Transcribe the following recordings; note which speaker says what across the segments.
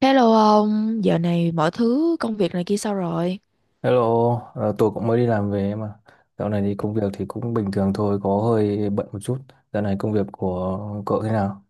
Speaker 1: Hello ông, giờ này mọi thứ công việc này kia sao rồi?
Speaker 2: Hello, tôi cũng mới đi làm về mà. Dạo này thì công việc thì cũng bình thường thôi, có hơi bận một chút. Dạo này công việc của cậu thế nào?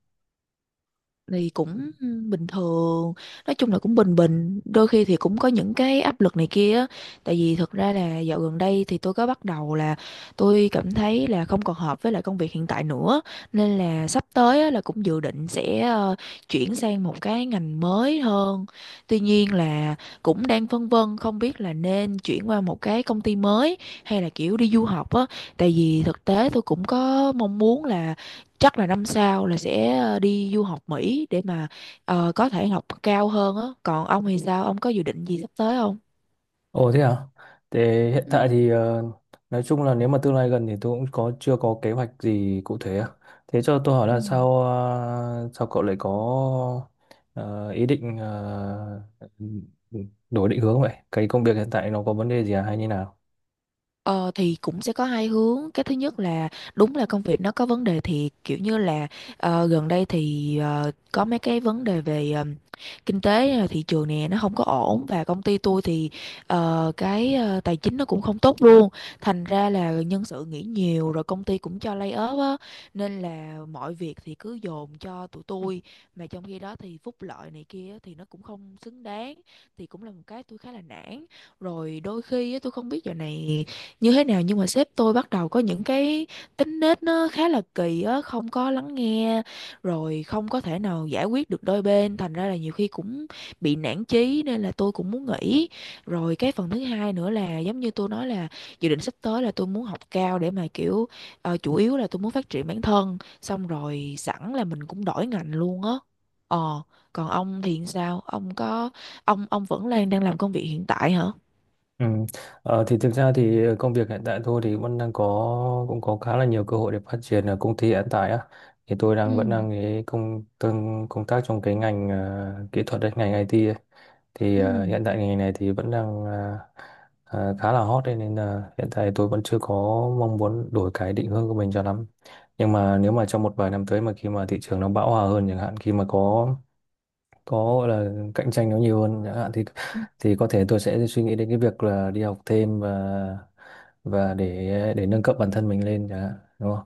Speaker 1: Thì cũng bình thường, nói chung là cũng bình bình, đôi khi thì cũng có những cái áp lực này kia á. Tại vì thực ra là dạo gần đây thì tôi có bắt đầu là tôi cảm thấy là không còn hợp với lại công việc hiện tại nữa, nên là sắp tới á, là cũng dự định sẽ chuyển sang một cái ngành mới hơn. Tuy nhiên là cũng đang phân vân không biết là nên chuyển qua một cái công ty mới hay là kiểu đi du học á, tại vì thực tế tôi cũng có mong muốn là chắc là năm sau là sẽ đi du học Mỹ để mà có thể học cao hơn á. Còn ông thì sao, ông có dự định gì sắp tới không?
Speaker 2: Ồ thế à? Thế hiện tại
Speaker 1: Ừ.
Speaker 2: thì nói chung là nếu mà tương lai gần thì tôi cũng có chưa có kế hoạch gì cụ thể á. Thế cho tôi hỏi
Speaker 1: Ừ.
Speaker 2: là sao cậu lại có ờ, ý định đổi định hướng vậy? Cái công việc hiện tại nó có vấn đề gì à hay như nào?
Speaker 1: Ờ, thì cũng sẽ có hai hướng. Cái thứ nhất là đúng là công việc nó có vấn đề, thì kiểu như là gần đây thì có mấy cái vấn đề về kinh tế, thị trường nè nó không có ổn, và công ty tôi thì cái tài chính nó cũng không tốt luôn. Thành ra là nhân sự nghỉ nhiều, rồi công ty cũng cho lay off á, nên là mọi việc thì cứ dồn cho tụi tôi, mà trong khi đó thì phúc lợi này kia á thì nó cũng không xứng đáng, thì cũng là một cái tôi khá là nản. Rồi đôi khi á, tôi không biết giờ này như thế nào, nhưng mà sếp tôi bắt đầu có những cái tính nết nó khá là kỳ á, không có lắng nghe rồi không có thể nào giải quyết được đôi bên, thành ra là nhiều khi cũng bị nản chí, nên là tôi cũng muốn nghỉ. Rồi cái phần thứ hai nữa là giống như tôi nói là dự định sắp tới là tôi muốn học cao để mà kiểu chủ yếu là tôi muốn phát triển bản thân, xong rồi sẵn là mình cũng đổi ngành luôn á. Ờ, còn ông thì sao, ông có ông vẫn đang đang làm công việc hiện tại hả?
Speaker 2: Ừ. Thì thực ra thì công việc hiện tại tôi thì vẫn đang có cũng có khá là nhiều cơ hội để phát triển ở công ty hiện tại á, thì tôi đang vẫn
Speaker 1: Ừ.
Speaker 2: đang cái công tác trong cái ngành kỹ thuật đấy, ngành IT ấy. Thì
Speaker 1: Ừ.
Speaker 2: hiện tại ngành này thì vẫn đang ờ, ờ, khá là hot đấy, nên là hiện tại tôi vẫn chưa có mong muốn đổi cái định hướng của mình cho lắm. Nhưng mà nếu mà trong một vài năm tới mà khi mà thị trường nó bão hòa hơn chẳng hạn, khi mà có gọi là cạnh tranh nó nhiều hơn chẳng hạn thì có thể tôi sẽ suy nghĩ đến cái việc là đi học thêm, và để nâng cấp bản thân mình lên chẳng hạn, đúng không?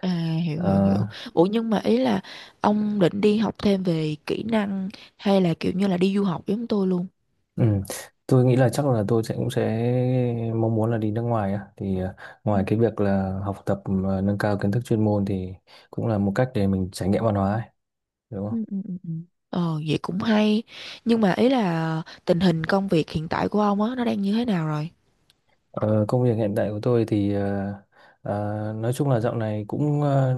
Speaker 1: À, hiểu hiểu
Speaker 2: Ờ,
Speaker 1: hiểu. Ủa, nhưng mà ý là ông định đi học thêm về kỹ năng hay là kiểu như là đi du học giống tôi luôn?
Speaker 2: ừ. Tôi nghĩ là chắc là tôi cũng sẽ mong muốn là đi nước ngoài á, thì
Speaker 1: Ừ,
Speaker 2: ngoài cái việc là học tập, nâng cao kiến thức chuyên môn thì cũng là một cách để mình trải nghiệm văn hóa ấy, đúng
Speaker 1: ừ,
Speaker 2: không?
Speaker 1: ừ, ừ. Ừ. Ờ, vậy cũng hay. Nhưng mà ý là tình hình công việc hiện tại của ông á nó đang như thế nào rồi?
Speaker 2: Ờ, Công việc hiện tại của tôi thì nói chung là dạo này cũng ờ,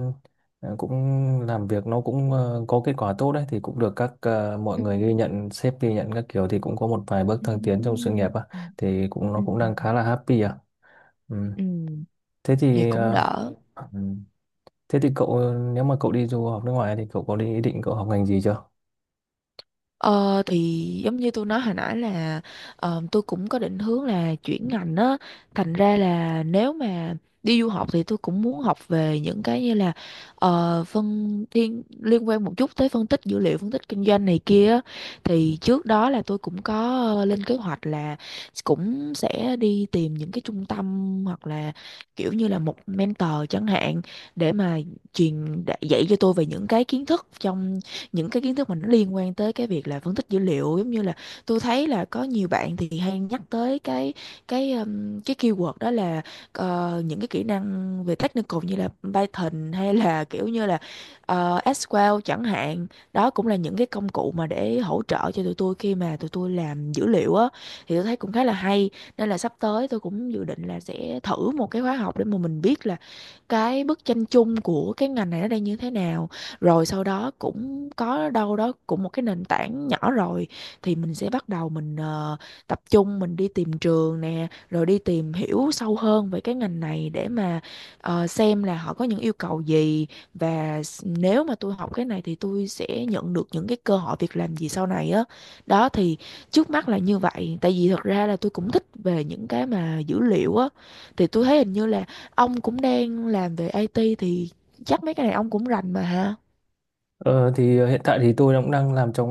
Speaker 2: ờ, cũng làm việc nó cũng có kết quả tốt đấy, thì cũng được mọi
Speaker 1: Ừ,
Speaker 2: người ghi nhận, sếp ghi nhận các kiểu, thì cũng có một vài bước
Speaker 1: ừ,
Speaker 2: thăng tiến
Speaker 1: ừ,
Speaker 2: trong sự nghiệp á,
Speaker 1: ừ,
Speaker 2: thì cũng nó
Speaker 1: ừ,
Speaker 2: cũng
Speaker 1: ừ.
Speaker 2: đang khá là happy à, ừ.
Speaker 1: Ừ,
Speaker 2: Thế
Speaker 1: vậy
Speaker 2: thì
Speaker 1: cũng
Speaker 2: ờ,
Speaker 1: đỡ.
Speaker 2: ừ. thế thì cậu ờ, nếu mà cậu đi du học nước ngoài thì cậu có ý định cậu học ngành gì chưa?
Speaker 1: Ờ, thì giống như tôi nói hồi nãy là tôi cũng có định hướng là chuyển ngành á, thành ra là nếu mà đi du học thì tôi cũng muốn học về những cái như là phân thiên liên quan một chút tới phân tích dữ liệu, phân tích kinh doanh này kia á. Thì trước đó là tôi cũng có lên kế hoạch là cũng sẽ đi tìm những cái trung tâm hoặc là kiểu như là một mentor chẳng hạn, để mà truyền dạy cho tôi về những cái kiến thức mà nó liên quan tới cái việc là phân tích dữ liệu. Giống như là tôi thấy là có nhiều bạn thì hay nhắc tới cái keyword đó là những cái kỹ năng về technical như là Python hay là kiểu như là SQL chẳng hạn, đó cũng là những cái công cụ mà để hỗ trợ cho tụi tôi khi mà tụi tôi làm dữ liệu á. Thì tôi thấy cũng khá là hay, nên là sắp tới tôi cũng dự định là sẽ thử một cái khóa học để mà mình biết là cái bức tranh chung của cái ngành này nó đang như thế nào, rồi sau đó cũng có đâu đó cũng một cái nền tảng nhỏ rồi thì mình sẽ bắt đầu mình tập trung, mình đi tìm trường nè, rồi đi tìm hiểu sâu hơn về cái ngành này để mà xem là họ có những yêu cầu gì, và nếu mà tôi học cái này thì tôi sẽ nhận được những cái cơ hội việc làm gì sau này á. Đó, thì trước mắt là như vậy, tại vì thật ra là tôi cũng thích về những cái mà dữ liệu á. Thì tôi thấy hình như là ông cũng đang làm về IT thì chắc mấy cái này ông cũng rành mà ha.
Speaker 2: Hiện tại thì tôi cũng đang làm trong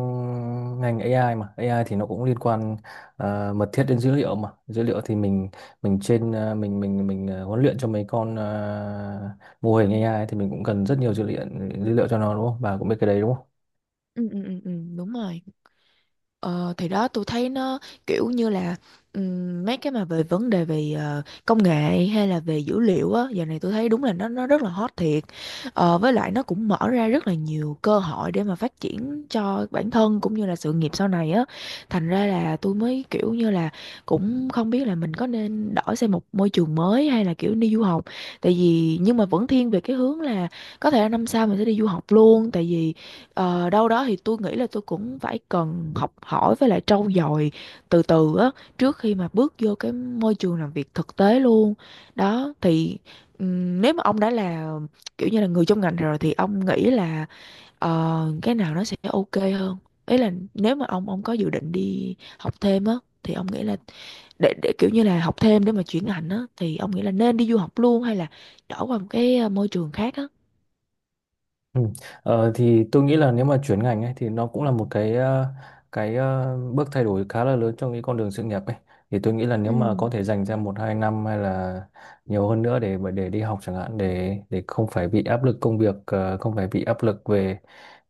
Speaker 2: ngành AI, mà AI thì nó cũng liên quan mật thiết đến dữ liệu, mà dữ liệu thì mình trên ờ, mình ờ, huấn luyện cho mấy con mô hình AI thì mình cũng cần rất nhiều dữ liệu cho nó, đúng không? Bà cũng biết cái đấy, đúng?
Speaker 1: Ừ, ừ, ừ, ừ, đúng rồi. Ờ, thì đó tôi thấy nó kiểu như là mấy cái mà về vấn đề về công nghệ hay là về dữ liệu á, giờ này tôi thấy đúng là nó rất là hot thiệt. Ờ, với lại nó cũng mở ra rất là nhiều cơ hội để mà phát triển cho bản thân cũng như là sự nghiệp sau này á, thành ra là tôi mới kiểu như là cũng không biết là mình có nên đổi sang một môi trường mới hay là kiểu đi du học. Tại vì nhưng mà vẫn thiên về cái hướng là có thể là năm sau mình sẽ đi du học luôn, tại vì ờ, đâu đó thì tôi nghĩ là tôi cũng phải cần học hỏi với lại trau dồi từ từ á trước khi mà bước vô cái môi trường làm việc thực tế luôn. Đó, thì nếu mà ông đã là kiểu như là người trong ngành rồi thì ông nghĩ là cái nào nó sẽ ok hơn? Ý là nếu mà ông có dự định đi học thêm á thì ông nghĩ là để kiểu như là học thêm để mà chuyển ngành á thì ông nghĩ là nên đi du học luôn hay là đổi qua một cái môi trường khác á?
Speaker 2: Ừ. Thì tôi nghĩ là nếu mà chuyển ngành ấy thì nó cũng là một cái bước thay đổi khá là lớn trong cái con đường sự nghiệp ấy. Thì tôi nghĩ là nếu
Speaker 1: Ừ.
Speaker 2: mà có thể dành ra một hai năm hay là nhiều hơn nữa để đi học chẳng hạn, để không phải bị áp lực công việc, không phải bị áp lực về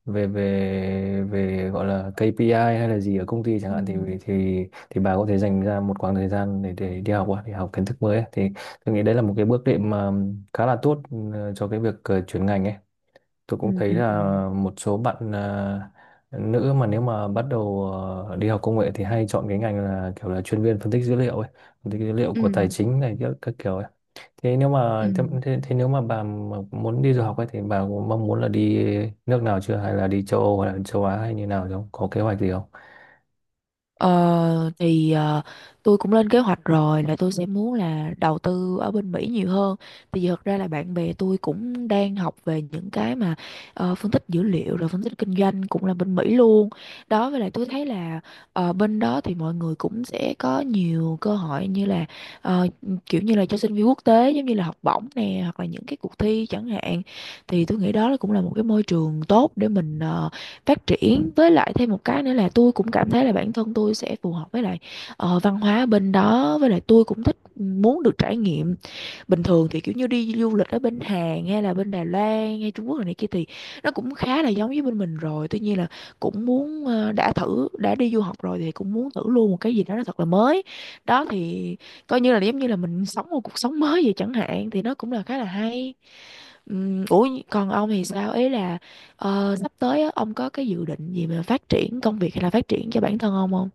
Speaker 2: về về về gọi là KPI hay là gì ở công ty chẳng
Speaker 1: Ừ.
Speaker 2: hạn, thì thì bà có thể dành ra một khoảng thời gian để đi học á, để học kiến thức mới ấy. Thì tôi nghĩ đấy là một cái bước đệm mà khá là tốt cho cái việc chuyển ngành ấy. Tôi cũng
Speaker 1: Ừ,
Speaker 2: thấy
Speaker 1: ừ, ừ.
Speaker 2: là một số bạn nữ mà nếu mà bắt đầu đi học công nghệ thì hay chọn cái ngành là kiểu là chuyên viên phân tích dữ liệu ấy, phân tích dữ liệu
Speaker 1: Ừ.
Speaker 2: của tài chính này, các kiểu ấy. Thế nếu
Speaker 1: Ừ.
Speaker 2: mà thế, thế, thế nếu mà bà mà muốn đi du học ấy thì bà có mong muốn là đi nước nào chưa, hay là đi châu Âu hay là châu Á hay như nào không? Có kế hoạch gì không?
Speaker 1: Ờ, thì tôi cũng lên kế hoạch rồi là tôi sẽ muốn là đầu tư ở bên Mỹ nhiều hơn. Tại vì thật ra là bạn bè tôi cũng đang học về những cái mà phân tích dữ liệu rồi phân tích kinh doanh cũng là bên Mỹ luôn. Đó, với lại tôi thấy là bên đó thì mọi người cũng sẽ có nhiều cơ hội, như là ờ, kiểu như là cho sinh viên quốc tế, giống như là học bổng nè hoặc là những cái cuộc thi chẳng hạn. Thì tôi nghĩ đó là cũng là một cái môi trường tốt để mình phát triển. Với lại thêm một cái nữa là tôi cũng cảm thấy là bản thân tôi sẽ phù hợp với lại văn hóa bên đó. Với lại tôi cũng thích ừ, muốn được trải nghiệm. Bình thường thì kiểu như đi du lịch ở bên Hàn hay là bên Đài Loan hay Trung Quốc rồi này kia thì nó cũng khá là giống với bên mình rồi, tuy nhiên là cũng muốn đã thử đã đi du học rồi thì cũng muốn thử luôn một cái gì đó nó thật là mới. Đó thì coi như là giống như là mình sống một cuộc sống mới vậy chẳng hạn, thì nó cũng là khá là hay. Ủa, còn ông thì sao, ý là sắp tới á, ông có cái dự định gì mà phát triển công việc hay là phát triển cho bản thân ông không?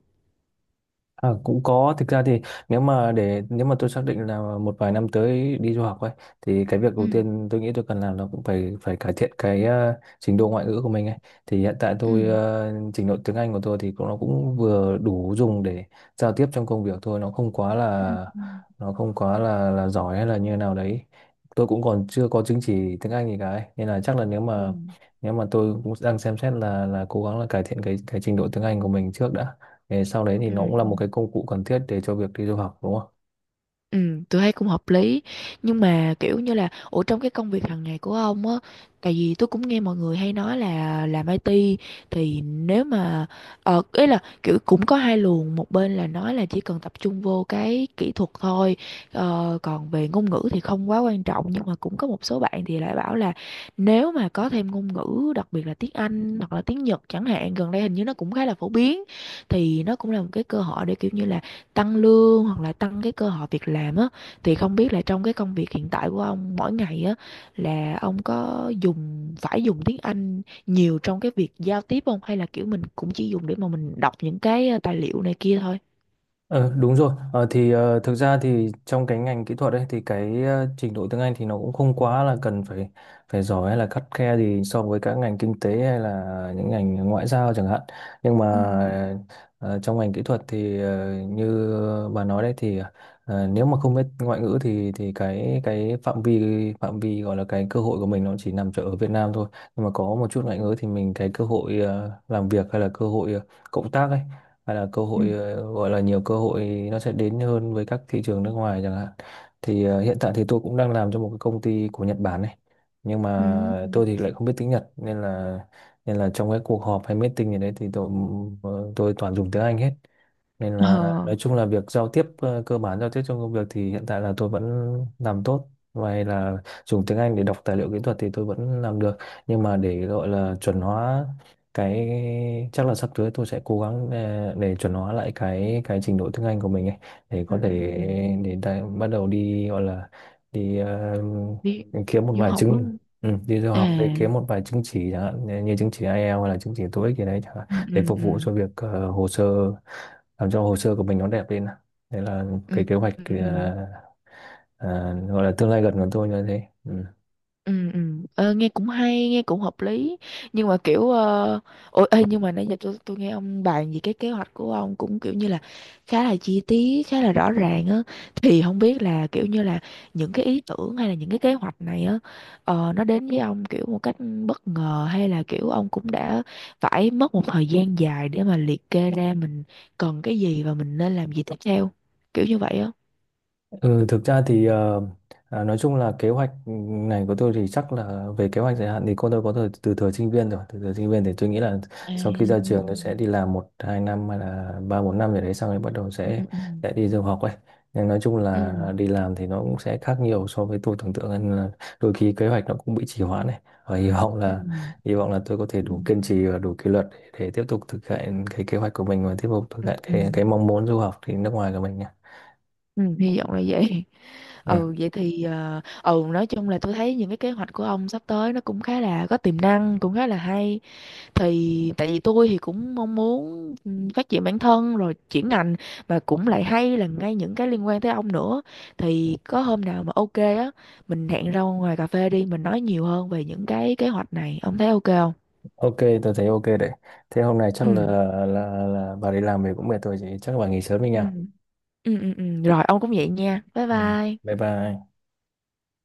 Speaker 2: À, cũng có. Thực ra thì nếu mà tôi xác định là một vài năm tới đi du học ấy thì cái việc đầu
Speaker 1: Ừ.
Speaker 2: tiên tôi nghĩ tôi cần làm là cũng phải phải cải thiện cái trình độ ngoại ngữ của mình ấy. Thì hiện tại
Speaker 1: Ừ.
Speaker 2: trình độ tiếng Anh của tôi thì nó cũng vừa đủ dùng để giao tiếp trong công việc thôi, nó không quá
Speaker 1: Ừ.
Speaker 2: là
Speaker 1: Ừ.
Speaker 2: nó không quá là giỏi hay là như nào đấy. Tôi cũng còn chưa có chứng chỉ tiếng Anh gì cả ấy. Nên là chắc là nếu mà tôi cũng đang xem xét là cố gắng là cải thiện cái trình độ tiếng Anh của mình trước đã. Thế sau đấy thì
Speaker 1: Ừ.
Speaker 2: nó
Speaker 1: Ừ.
Speaker 2: cũng là một cái công cụ cần thiết để cho việc đi du học, đúng không?
Speaker 1: Ừ, tôi thấy cũng hợp lý. Nhưng mà kiểu như là ủa, trong cái công việc hàng ngày của ông á, tại vì tôi cũng nghe mọi người hay nói là làm IT thì nếu mà ý là kiểu cũng có hai luồng, một bên là nói là chỉ cần tập trung vô cái kỹ thuật thôi, còn về ngôn ngữ thì không quá quan trọng, nhưng mà cũng có một số bạn thì lại bảo là nếu mà có thêm ngôn ngữ, đặc biệt là tiếng Anh hoặc là tiếng Nhật chẳng hạn, gần đây hình như nó cũng khá là phổ biến, thì nó cũng là một cái cơ hội để kiểu như là tăng lương hoặc là tăng cái cơ hội việc làm á. Thì không biết là trong cái công việc hiện tại của ông mỗi ngày á, là ông có dùng phải dùng tiếng Anh nhiều trong cái việc giao tiếp không, hay là kiểu mình cũng chỉ dùng để mà mình đọc những cái tài liệu này kia thôi?
Speaker 2: Ờ, Đúng rồi. Thực ra thì trong cái ngành kỹ thuật ấy thì cái trình độ tiếng Anh thì nó cũng không quá là cần phải phải giỏi hay là khắt khe gì so với các ngành kinh tế hay là những ngành ngoại giao chẳng hạn. Nhưng
Speaker 1: Ừ
Speaker 2: mà ờ, trong ngành kỹ thuật thì như bà nói đấy thì nếu mà không biết ngoại ngữ thì cái phạm vi gọi là cái cơ hội của mình nó chỉ nằm chỗ ở Việt Nam thôi. Nhưng mà có một chút ngoại ngữ thì mình cái cơ hội làm việc hay là cơ hội cộng tác ấy hay là cơ
Speaker 1: ừ
Speaker 2: hội, gọi là, nhiều cơ hội nó sẽ đến hơn với các thị trường nước ngoài chẳng hạn. Thì hiện tại thì tôi cũng đang làm cho một cái công ty của Nhật Bản này, nhưng
Speaker 1: ừ
Speaker 2: mà
Speaker 1: ừ.
Speaker 2: tôi thì lại không biết tiếng Nhật, nên là trong cái cuộc họp hay meeting gì đấy thì tôi toàn dùng tiếng Anh hết, nên
Speaker 1: Ờ.
Speaker 2: là nói chung là việc giao tiếp cơ bản, giao tiếp trong công việc thì hiện tại là tôi vẫn làm tốt. Ngoài là dùng tiếng Anh để đọc tài liệu kỹ thuật thì tôi vẫn làm được, nhưng mà để gọi là chuẩn hóa cái chắc là sắp tới tôi sẽ cố gắng để chuẩn hóa lại cái trình độ tiếng Anh của mình ấy, để có
Speaker 1: Ừ
Speaker 2: thể,
Speaker 1: ừ ừ ừ.
Speaker 2: bắt đầu đi gọi là đi
Speaker 1: Đi
Speaker 2: kiếm một
Speaker 1: du
Speaker 2: vài
Speaker 1: học đúng
Speaker 2: chứng
Speaker 1: không?
Speaker 2: ừ, đi du học để
Speaker 1: À,
Speaker 2: kiếm một vài chứng chỉ chẳng hạn, như như chứng chỉ IELTS hay là chứng chỉ TOEIC gì đấy chẳng hạn,
Speaker 1: ừ
Speaker 2: để
Speaker 1: ừ
Speaker 2: phục
Speaker 1: ừ
Speaker 2: vụ cho việc hồ sơ, làm cho hồ sơ của mình nó đẹp lên. Đấy là
Speaker 1: ừ
Speaker 2: cái kế hoạch,
Speaker 1: ừ ừ.
Speaker 2: ờ, gọi là tương lai gần của tôi như thế, ừ.
Speaker 1: Ừ, ừ. Ờ, nghe cũng hay, nghe cũng hợp lý. Nhưng mà kiểu ôi ê, nhưng mà nãy giờ tôi nghe ông bàn về cái kế hoạch của ông cũng kiểu như là khá là chi tiết, khá là rõ ràng á, thì không biết là kiểu như là những cái ý tưởng hay là những cái kế hoạch này á, nó đến với ông kiểu một cách bất ngờ hay là kiểu ông cũng đã phải mất một thời gian dài để mà liệt kê ra mình cần cái gì và mình nên làm gì tiếp theo, kiểu như vậy á?
Speaker 2: Ừ, thực ra thì nói chung là kế hoạch này của tôi thì chắc là về kế hoạch dài hạn thì cô tôi có từ từ thời sinh viên rồi, từ thời sinh viên thì tôi nghĩ là
Speaker 1: À.
Speaker 2: sau khi ra trường tôi sẽ đi làm một hai năm hay là ba bốn năm gì đấy, xong rồi bắt đầu
Speaker 1: Ừ
Speaker 2: sẽ
Speaker 1: ừ
Speaker 2: sẽ đi du học ấy. Nhưng nói chung
Speaker 1: ừ
Speaker 2: là đi làm thì nó cũng sẽ khác nhiều so với tôi tưởng tượng, nên là đôi khi kế hoạch nó cũng bị trì hoãn này, và hy vọng
Speaker 1: ừ
Speaker 2: là hy vọng là tôi có thể
Speaker 1: ừ.
Speaker 2: đủ kiên trì và đủ kỷ luật để tiếp tục thực hiện cái kế hoạch của mình và tiếp tục thực hiện
Speaker 1: Ừ,
Speaker 2: cái mong muốn du học thì nước ngoài của mình nhé.
Speaker 1: ừ, hy vọng là vậy. Ừ, vậy thì ừ, nói chung là tôi thấy những cái kế hoạch của ông sắp tới nó cũng khá là có tiềm năng, cũng khá là hay. Thì tại vì tôi thì cũng mong muốn ừ, phát triển bản thân rồi chuyển ngành, mà cũng lại hay là ngay những cái liên quan tới ông nữa. Thì có hôm nào mà ok á, mình hẹn ra ngoài cà phê đi, mình nói nhiều hơn về những cái kế hoạch này. Ông thấy ok không?
Speaker 2: Ok, tôi thấy ok đấy. Thế hôm nay chắc là
Speaker 1: Ừ.
Speaker 2: là là bà đi làm về cũng mệt rồi chị, chắc là bà nghỉ sớm đi
Speaker 1: Ừ.
Speaker 2: nha.
Speaker 1: Ừ ừ ừ, rồi ông cũng vậy nha. Bye
Speaker 2: Ừ. Bye
Speaker 1: bye.
Speaker 2: bye.